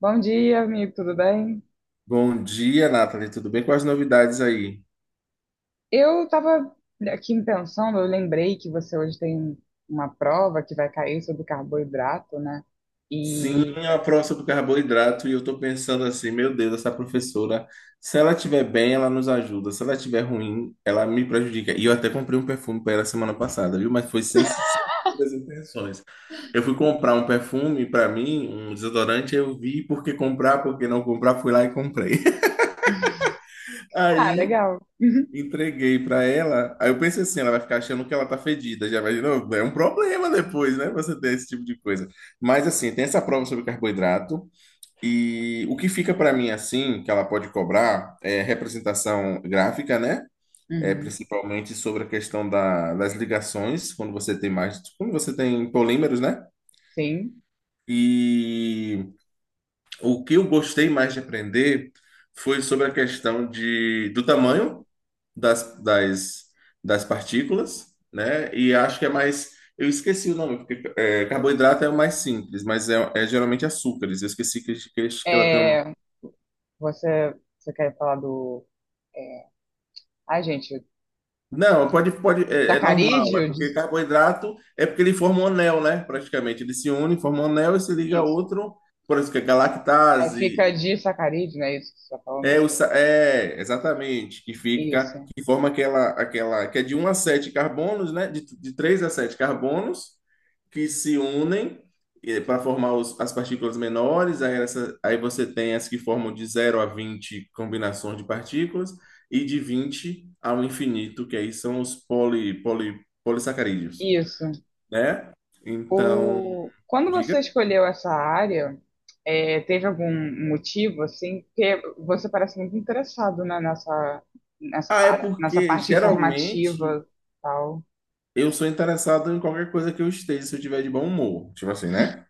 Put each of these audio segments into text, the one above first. Bom dia, amigo, tudo bem? Bom dia, Nathalie. Tudo bem? Quais as novidades aí? Eu estava aqui pensando, eu lembrei que você hoje tem uma prova que vai cair sobre carboidrato, né? Sim, E. a prova sobre carboidrato e eu tô pensando assim, meu Deus, essa professora, se ela estiver bem, ela nos ajuda. Se ela estiver ruim, ela me prejudica. E eu até comprei um perfume para ela semana passada, viu? Mas foi sem segundas intenções. Eu fui comprar um perfume para mim, um desodorante, eu vi por que comprar, por que não comprar, fui lá e comprei. Ah, Aí legal. Entreguei pra ela. Aí eu pensei assim, ela vai ficar achando que ela tá fedida. Já vai, não, é um problema depois, né? Você ter esse tipo de coisa. Mas assim, tem essa prova sobre carboidrato e o que fica pra mim assim, que ela pode cobrar é representação gráfica, né? É Uhum, principalmente sobre a questão das ligações, quando você tem mais, quando você tem polímeros, né? sim. E o que eu gostei mais de aprender foi sobre a questão do tamanho das, das, das partículas, né? E acho que é mais. Eu esqueci o nome, porque é, carboidrato é o mais simples, mas é geralmente açúcares. Eu esqueci que ela tem um. É, você quer falar do. é, Ai, gente, Não, pode, é normal, é sacarídeo? porque Dis- carboidrato é porque ele forma um anel, né? Praticamente. Ele se une, forma um anel e se liga a Isso. outro. Por isso que é É, galactase. fica disacarídeo, não é isso que você está falando? É, exatamente, que Isso. fica, que forma aquela, que é de um a 7 carbonos, né? De 3 a 7 carbonos, que se unem para formar as partículas menores, aí, aí você tem as que formam de zero a vinte combinações de partículas, e de 20 ao infinito, que aí são os polissacarídeos, Isso. né? Então, O... Quando você diga. escolheu essa área, teve algum motivo, assim, porque você parece muito interessado, né, Ah, é nessa porque parte geralmente informativa e tal. eu sou interessado em qualquer coisa que eu esteja, se eu tiver de bom humor. Tipo assim, né?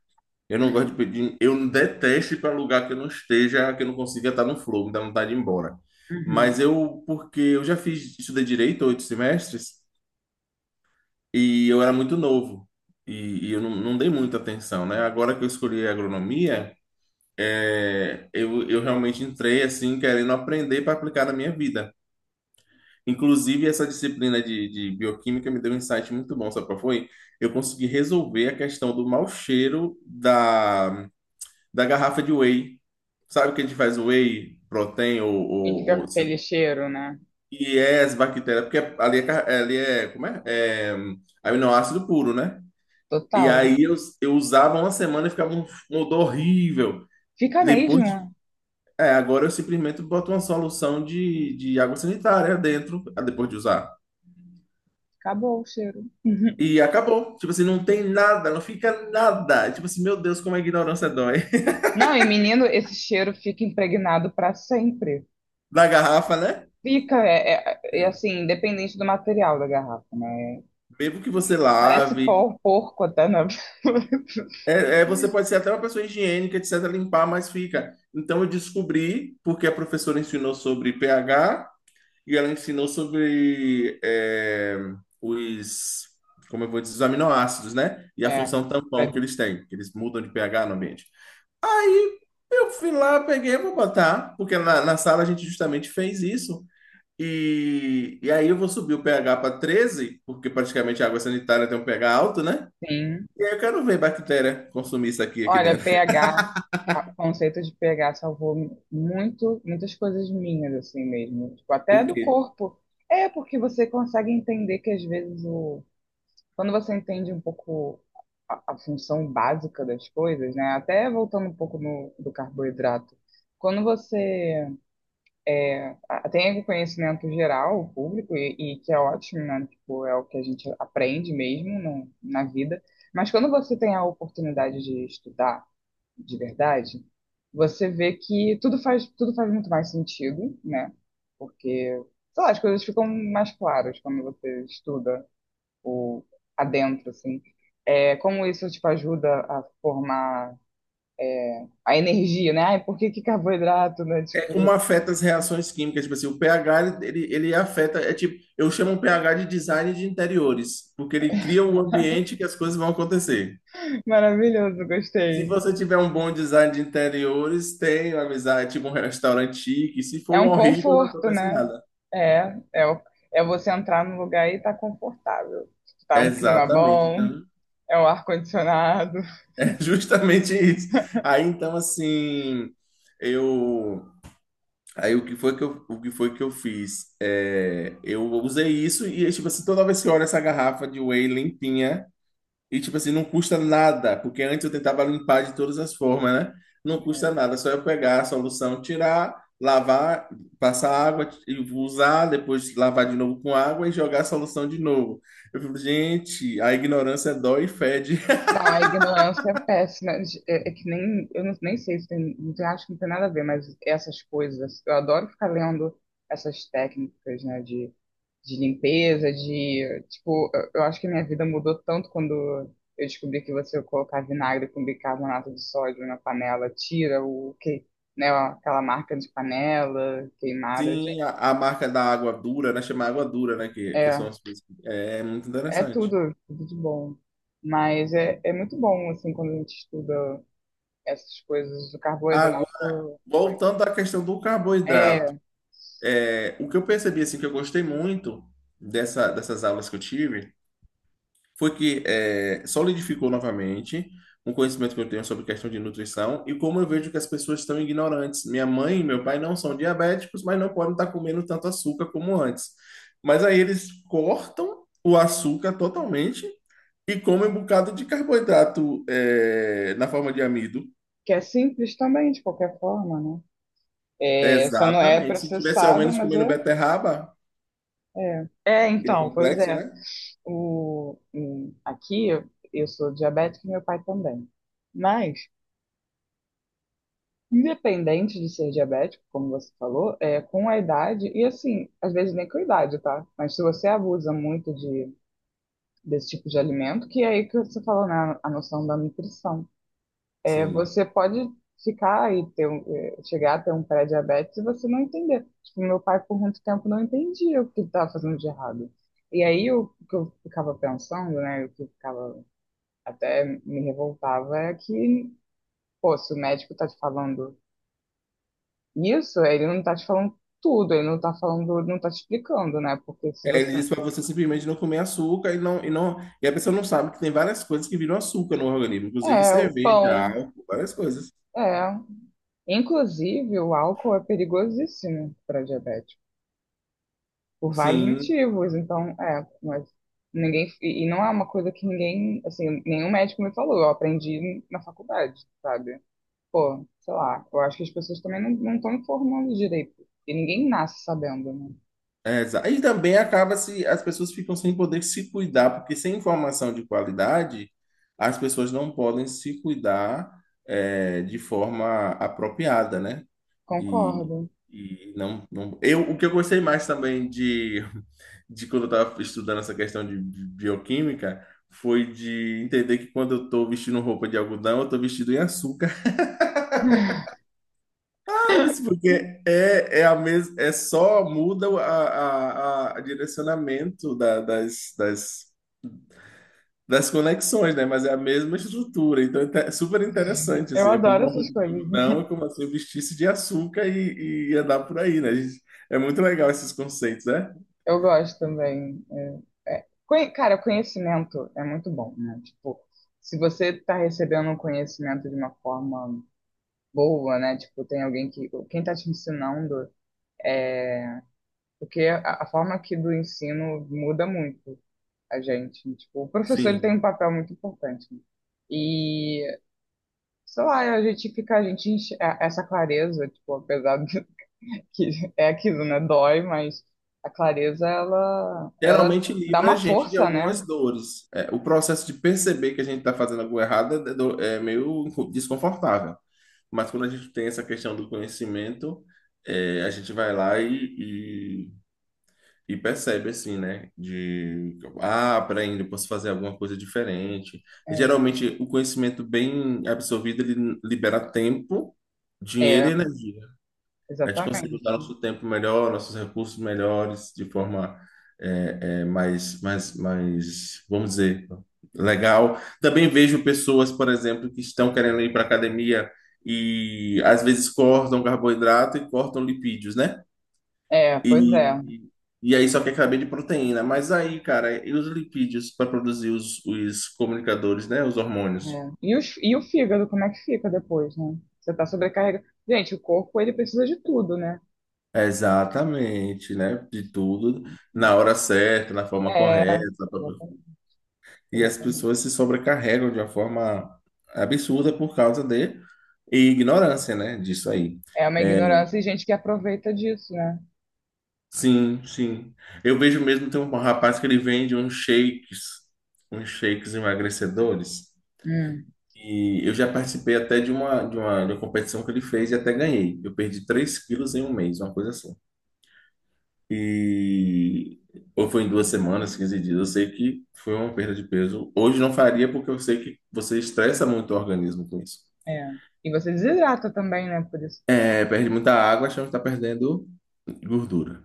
Eu não gosto de pedir, eu detesto ir para lugar que eu não esteja, que eu não consiga estar no flow, me dá vontade de ir embora. Mas Uhum. eu, porque eu já fiz, estudei direito 8 semestres e eu era muito novo e eu não dei muita atenção, né? Agora que eu escolhi a agronomia, é, eu realmente entrei assim, querendo aprender para aplicar na minha vida. Inclusive, essa disciplina de bioquímica me deu um insight muito bom, sabe qual foi? Eu consegui resolver a questão do mau cheiro da, da garrafa de whey. Sabe o que a gente faz whey protein ou, E ou, fica ou- com assim, aquele cheiro, né? e é as bactérias, porque ali é, ali é como é? É aminoácido puro, né? E Total. aí eu usava uma semana e ficava um, um odor horrível. Fica Depois, de- mesmo. é, agora eu simplesmente boto uma solução de água sanitária dentro, ah, depois de usar. Acabou o cheiro. Uhum. E acabou. Tipo assim, não tem nada, não fica nada. Tipo assim, meu Deus, como a ignorância dói. Não, e menino, esse cheiro fica impregnado para sempre. Da garrafa, né? Fica, é assim, independente do material da garrafa, né? Mesmo que você E tu parece lave. pó, porco até, na Você pode ser até uma pessoa higiênica, etc., limpar, mas fica. Então eu descobri, porque a professora ensinou sobre pH e ela ensinou sobre os, como eu vou dizer, os aminoácidos, né? E a função tampão É, que eles têm, que eles mudam de pH no ambiente. Aí eu fui lá, peguei, vou botar, porque na sala a gente justamente fez isso. E aí eu vou subir o pH para 13, porque praticamente a água sanitária tem um pH alto, né? Sim. E aí eu quero ver bactéria consumir isso aqui, aqui Olha, dentro. pH, o conceito de pH salvou muito, muitas coisas minhas, assim mesmo. Tipo, até O do quê? corpo. É, porque você consegue entender que às vezes o. Quando você entende um pouco a função básica das coisas, né? Até voltando um pouco no, do carboidrato. Quando você tem o conhecimento geral, o público, e que é ótimo, né? Tipo, é o que a gente aprende mesmo no, na vida. Mas quando você tem a oportunidade de estudar, de verdade, você vê que tudo faz muito mais sentido, né? Porque, sei lá, as coisas ficam mais claras quando você estuda o adentro, assim. É, como isso, tipo, ajuda a formar a energia, né? Ai, por que que carboidrato, né? É como Tipo, afeta as reações químicas. Tipo assim, o pH, ele afeta. É tipo, eu chamo o pH de design de interiores, porque ele cria um ambiente que as coisas vão acontecer. maravilhoso, Se gostei. você tiver um bom design de interiores, tem uma amizade, tipo um restaurante chique. Se for É um um horrível, não conforto, acontece né? nada. É, é, o- é você entrar num lugar e tá confortável. Tá um clima Exatamente. bom, Então, é o ar-condicionado. justamente isso. Aí então assim, eu aí o que foi que eu fiz? É, eu usei isso e tipo assim, toda vez que eu olho essa garrafa de whey limpinha e tipo assim, não custa nada, porque antes eu tentava limpar de todas as formas, né? Não custa nada, só eu pegar a solução, tirar, lavar, passar água e usar, depois lavar de novo com água e jogar a solução de novo. Eu fico, gente, a ignorância dói e fede. Não, a ignorância é péssima. É, é que nem, eu não- nem sei se tem, acho que não tem nada a ver, mas essas coisas, eu adoro ficar lendo essas técnicas, né, de limpeza, de, tipo, eu acho que a minha vida mudou tanto quando eu descobri que você colocar vinagre com bicarbonato de sódio na panela, tira o que, né, aquela marca de panela queimada, de- Sim, a marca da água dura, né? Chama água dura, né? Que são é, as coisas. É muito é, interessante. tudo, tudo de bom. Mas é, é muito bom, assim, quando a gente estuda essas coisas do Agora, carboidrato foi. voltando à questão do carboidrato, É, é, o que eu percebi, assim, que eu gostei muito dessas aulas que eu tive, foi que é, solidificou novamente um conhecimento que eu tenho sobre questão de nutrição e como eu vejo que as pessoas estão ignorantes. Minha mãe e meu pai não são diabéticos, mas não podem estar comendo tanto açúcar como antes. Mas aí eles cortam o açúcar totalmente e come um bocado de carboidrato é, na forma de amido. que é simples também, de qualquer forma, né? É, só não é Exatamente. Se tivesse ao processado, menos mas comendo é, beterraba, é. É, que é então, pois complexo, é. né? Aqui eu sou diabética e meu pai também. Mas, independente de ser diabético, como você falou, é, com a idade, e assim, às vezes nem com a idade, tá? Mas se você abusa muito de, desse tipo de alimento, que é aí que você falou, né, a noção da nutrição. É, Sim. você pode ficar e ter, um- eh, chegar a ter um pré-diabetes e você não entender. Tipo, meu pai por muito tempo não entendia o que estava fazendo de errado. E aí o que eu ficava pensando, né, o que eu ficava até me revoltava é que, pô, se o médico tá te falando isso, ele não tá te falando tudo, ele não tá falando, não tá te explicando, né? Porque se É, ele você disse para você simplesmente não comer açúcar e não. E a pessoa não sabe que tem várias coisas que viram açúcar no organismo, inclusive é o cerveja, pão, álcool, várias coisas. é, inclusive o álcool é perigosíssimo para diabético. Por vários Sim. motivos. Então, é, mas ninguém. E não é uma coisa que ninguém. Assim, nenhum médico me falou. Eu aprendi na faculdade, sabe? Pô, sei lá. Eu acho que as pessoas também não estão informando direito. E ninguém nasce sabendo, né? E também acaba se as pessoas ficam sem poder se cuidar, porque sem informação de qualidade, as pessoas não podem se cuidar é, de forma apropriada, né? E, Concordo. e não, não. Eu, o que eu gostei mais também de quando eu estava estudando essa questão de bioquímica foi de entender que quando eu estou vestindo roupa de algodão, eu estou vestido em açúcar. Mas porque é, é a mes, é só muda a direcionamento das conexões, né? Mas é a mesma estrutura, então é super interessante, Eu assim, né? adoro Comprar um essas roupa de coisas. algodão e começar a vestir-se de açúcar e andar por aí, né? A gente é muito legal esses conceitos, né? Eu gosto também. É, é. Conhe- Cara, conhecimento é muito bom, né? Tipo, se você tá recebendo um conhecimento de uma forma boa, né? Tipo, tem alguém que. Quem tá te ensinando. é, Porque a forma aqui do ensino muda muito a gente. Tipo, o professor ele tem um Sim. papel muito importante. Né? E, sei lá, a gente essa clareza, tipo, apesar de que é aquilo, né? Dói, mas a clareza, ela Geralmente dá livra a uma gente de força, né? algumas dores. É, o processo de perceber que a gente está fazendo algo errado é, é meio desconfortável. Mas quando a gente tem essa questão do conhecimento, é, a gente vai lá e percebe assim, né? De ah, peraí, eu posso fazer alguma coisa diferente. E, É, geralmente o conhecimento bem absorvido ele libera tempo, é, dinheiro e energia. A gente consegue usar exatamente. nosso tempo melhor, nossos recursos melhores, de forma é, é, mais, vamos dizer, legal. Também vejo pessoas, por exemplo, que estão querendo ir para academia e às vezes cortam carboidrato e cortam lipídios, né? É, pois é. E, e aí só que acabei de proteína. Mas aí, cara, e os lipídios para produzir os comunicadores, né? Os hormônios. É. E, os, e o fígado, como é que fica depois, né? Você tá sobrecarregado. Gente, o corpo, ele precisa de tudo, né? Exatamente, né? De tudo na hora certa, na forma É, correta. Pá, pá, pá. exatamente. E as Exatamente. pessoas se sobrecarregam de uma forma absurda por causa de ignorância, né? Disso aí. É uma É, ignorância e gente que aproveita disso, né? sim, sim. Eu vejo mesmo, tem um rapaz que ele vende uns shakes emagrecedores. Hum, E eu já participei até de uma competição que ele fez e até ganhei. Eu perdi 3 quilos em 1 mês, uma coisa assim. E. Ou foi em duas semanas, 15 dias. Eu sei que foi uma perda de peso. Hoje não faria porque eu sei que você estressa muito o organismo com isso. é. E você desidrata também, né? Por isso. É, perde muita água, achando que está perdendo gordura.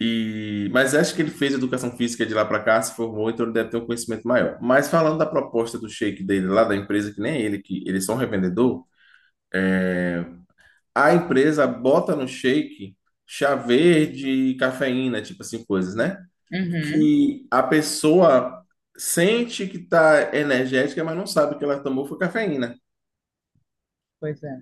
E, mas acho que ele fez educação física de lá para cá, se formou, então ele deve ter um conhecimento maior. Mas falando da proposta do shake dele lá da empresa, que nem ele, que ele é só um revendedor, a empresa bota no shake chá verde, cafeína, tipo assim, coisas, né? Uhum, Que a pessoa sente que tá energética, mas não sabe que ela tomou foi cafeína. pois é.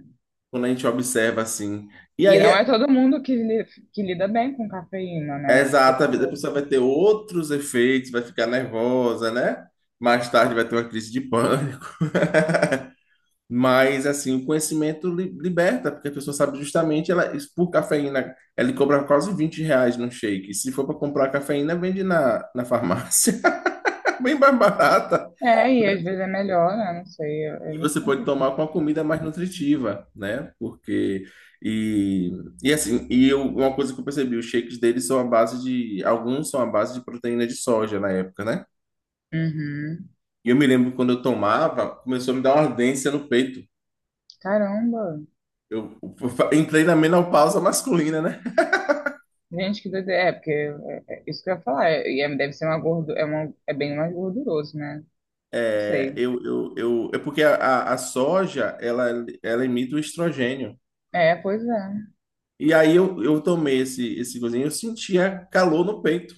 Quando a gente observa assim. E E aí, não é é todo mundo que, que lida bem com cafeína, né? é Tipo, exato, às vezes a poxa. pessoa vai ter outros efeitos, vai ficar nervosa, né? Mais tarde vai ter uma crise de pânico. Mas, assim, o conhecimento liberta, porque a pessoa sabe justamente, ela, isso por cafeína, ela cobra quase 20 reais no shake. Se for para comprar cafeína, vende na farmácia, bem mais barata. É, e às Né? vezes é melhor, né? Não sei, é, é E muito você pode tomar com complicado. a comida mais nutritiva, né? Porque. E, e assim, e eu, uma coisa que eu percebi, os shakes deles são a base de. Alguns são a base de proteína de soja na época, né? Uhum. E eu me lembro que quando eu tomava, começou a me dar uma ardência no peito. Caramba. Eu, entrei na menopausa masculina, né? Gente, que doideira. É, porque é, é isso que eu ia falar. Deve ser uma gordo, é, uma, é bem mais gorduroso, né? Não É, sei. É porque a soja, ela emite o estrogênio. É, pois é. E aí eu tomei esse cozinho, eu sentia calor no peito.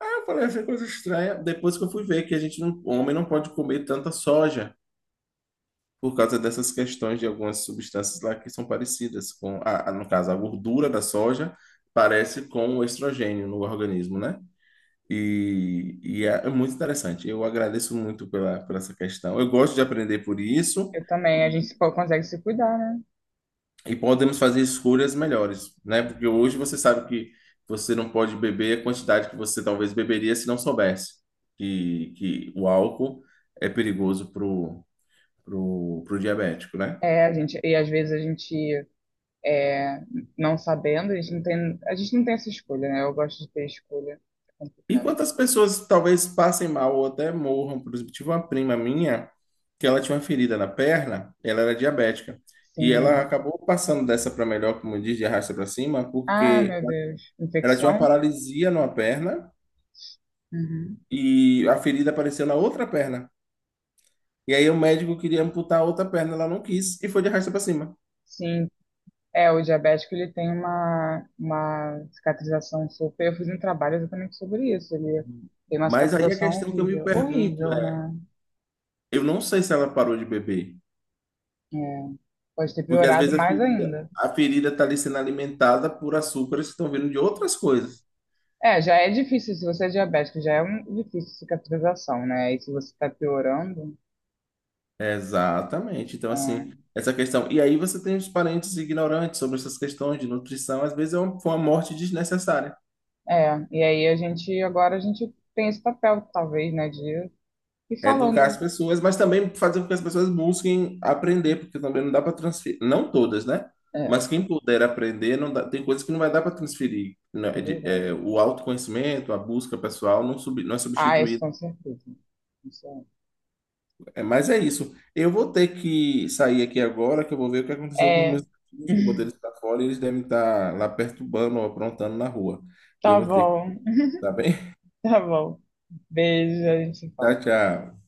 Aí eu falei, essa é coisa estranha. Depois que eu fui ver que a gente não, o homem não pode comer tanta soja por causa dessas questões de algumas substâncias lá que são parecidas com, no caso, a gordura da soja parece com o estrogênio no organismo, né? É muito interessante. Eu agradeço muito pela, por essa questão. Eu gosto de aprender por isso. Eu também. A gente se- consegue se cuidar, né? E podemos fazer escolhas melhores, né? Porque hoje você sabe que você não pode beber a quantidade que você talvez beberia se não soubesse que o álcool é perigoso pro, pro diabético, né? É, a gente, e às vezes a gente é, não sabendo, a gente não tem essa escolha, né? Eu gosto de ter escolha, é E complicado. quantas pessoas talvez passem mal ou até morram? Por exemplo, tive uma prima minha que ela tinha uma ferida na perna, ela era diabética. E ela Sim. acabou passando dessa para melhor, como diz, de arrasta para cima, Ah, porque meu Deus. ela tinha uma Infecção? paralisia numa perna Uhum. e a ferida apareceu na outra perna. E aí o médico queria amputar a outra perna, ela não quis e foi de arrasta para cima. Sim. É, o diabético ele tem uma cicatrização super. Eu fiz um trabalho exatamente sobre isso. Ele tem uma Mas aí a cicatrização questão que eu me horrível. pergunto Horrível, é, né? eu não sei se ela parou de beber, É, pode ter porque às piorado vezes mais ainda. a ferida está ali sendo alimentada por açúcares que estão vindo de outras coisas. É, já é difícil, se você é diabético, já é um, difícil cicatrização, né? E se você está piorando. Exatamente. Então, assim, É. essa questão. E aí você tem os parentes ignorantes sobre essas questões de nutrição, às vezes foi uma morte desnecessária. É, e aí a gente, agora a gente tem esse papel, talvez, né, de ir É educar falando. as pessoas, mas também fazer com que as pessoas busquem aprender, porque também não dá para transferir, não todas, né? É, Mas quem puder aprender, não dá- tem coisas que não vai dar para transferir. Né? é verdade. O autoconhecimento, a busca pessoal não, não é Ah, isso substituído. com certeza. Isso É, mas é isso. Eu vou ter que sair aqui agora, que eu vou ver o que aconteceu com os é. É, meus filhos, que eu botei eles para fora e eles devem estar lá perturbando ou aprontando na rua. E eu tá vou ter que, bom, tá bem? tá bom. Beijo, a gente se Tchau, fala. tchau.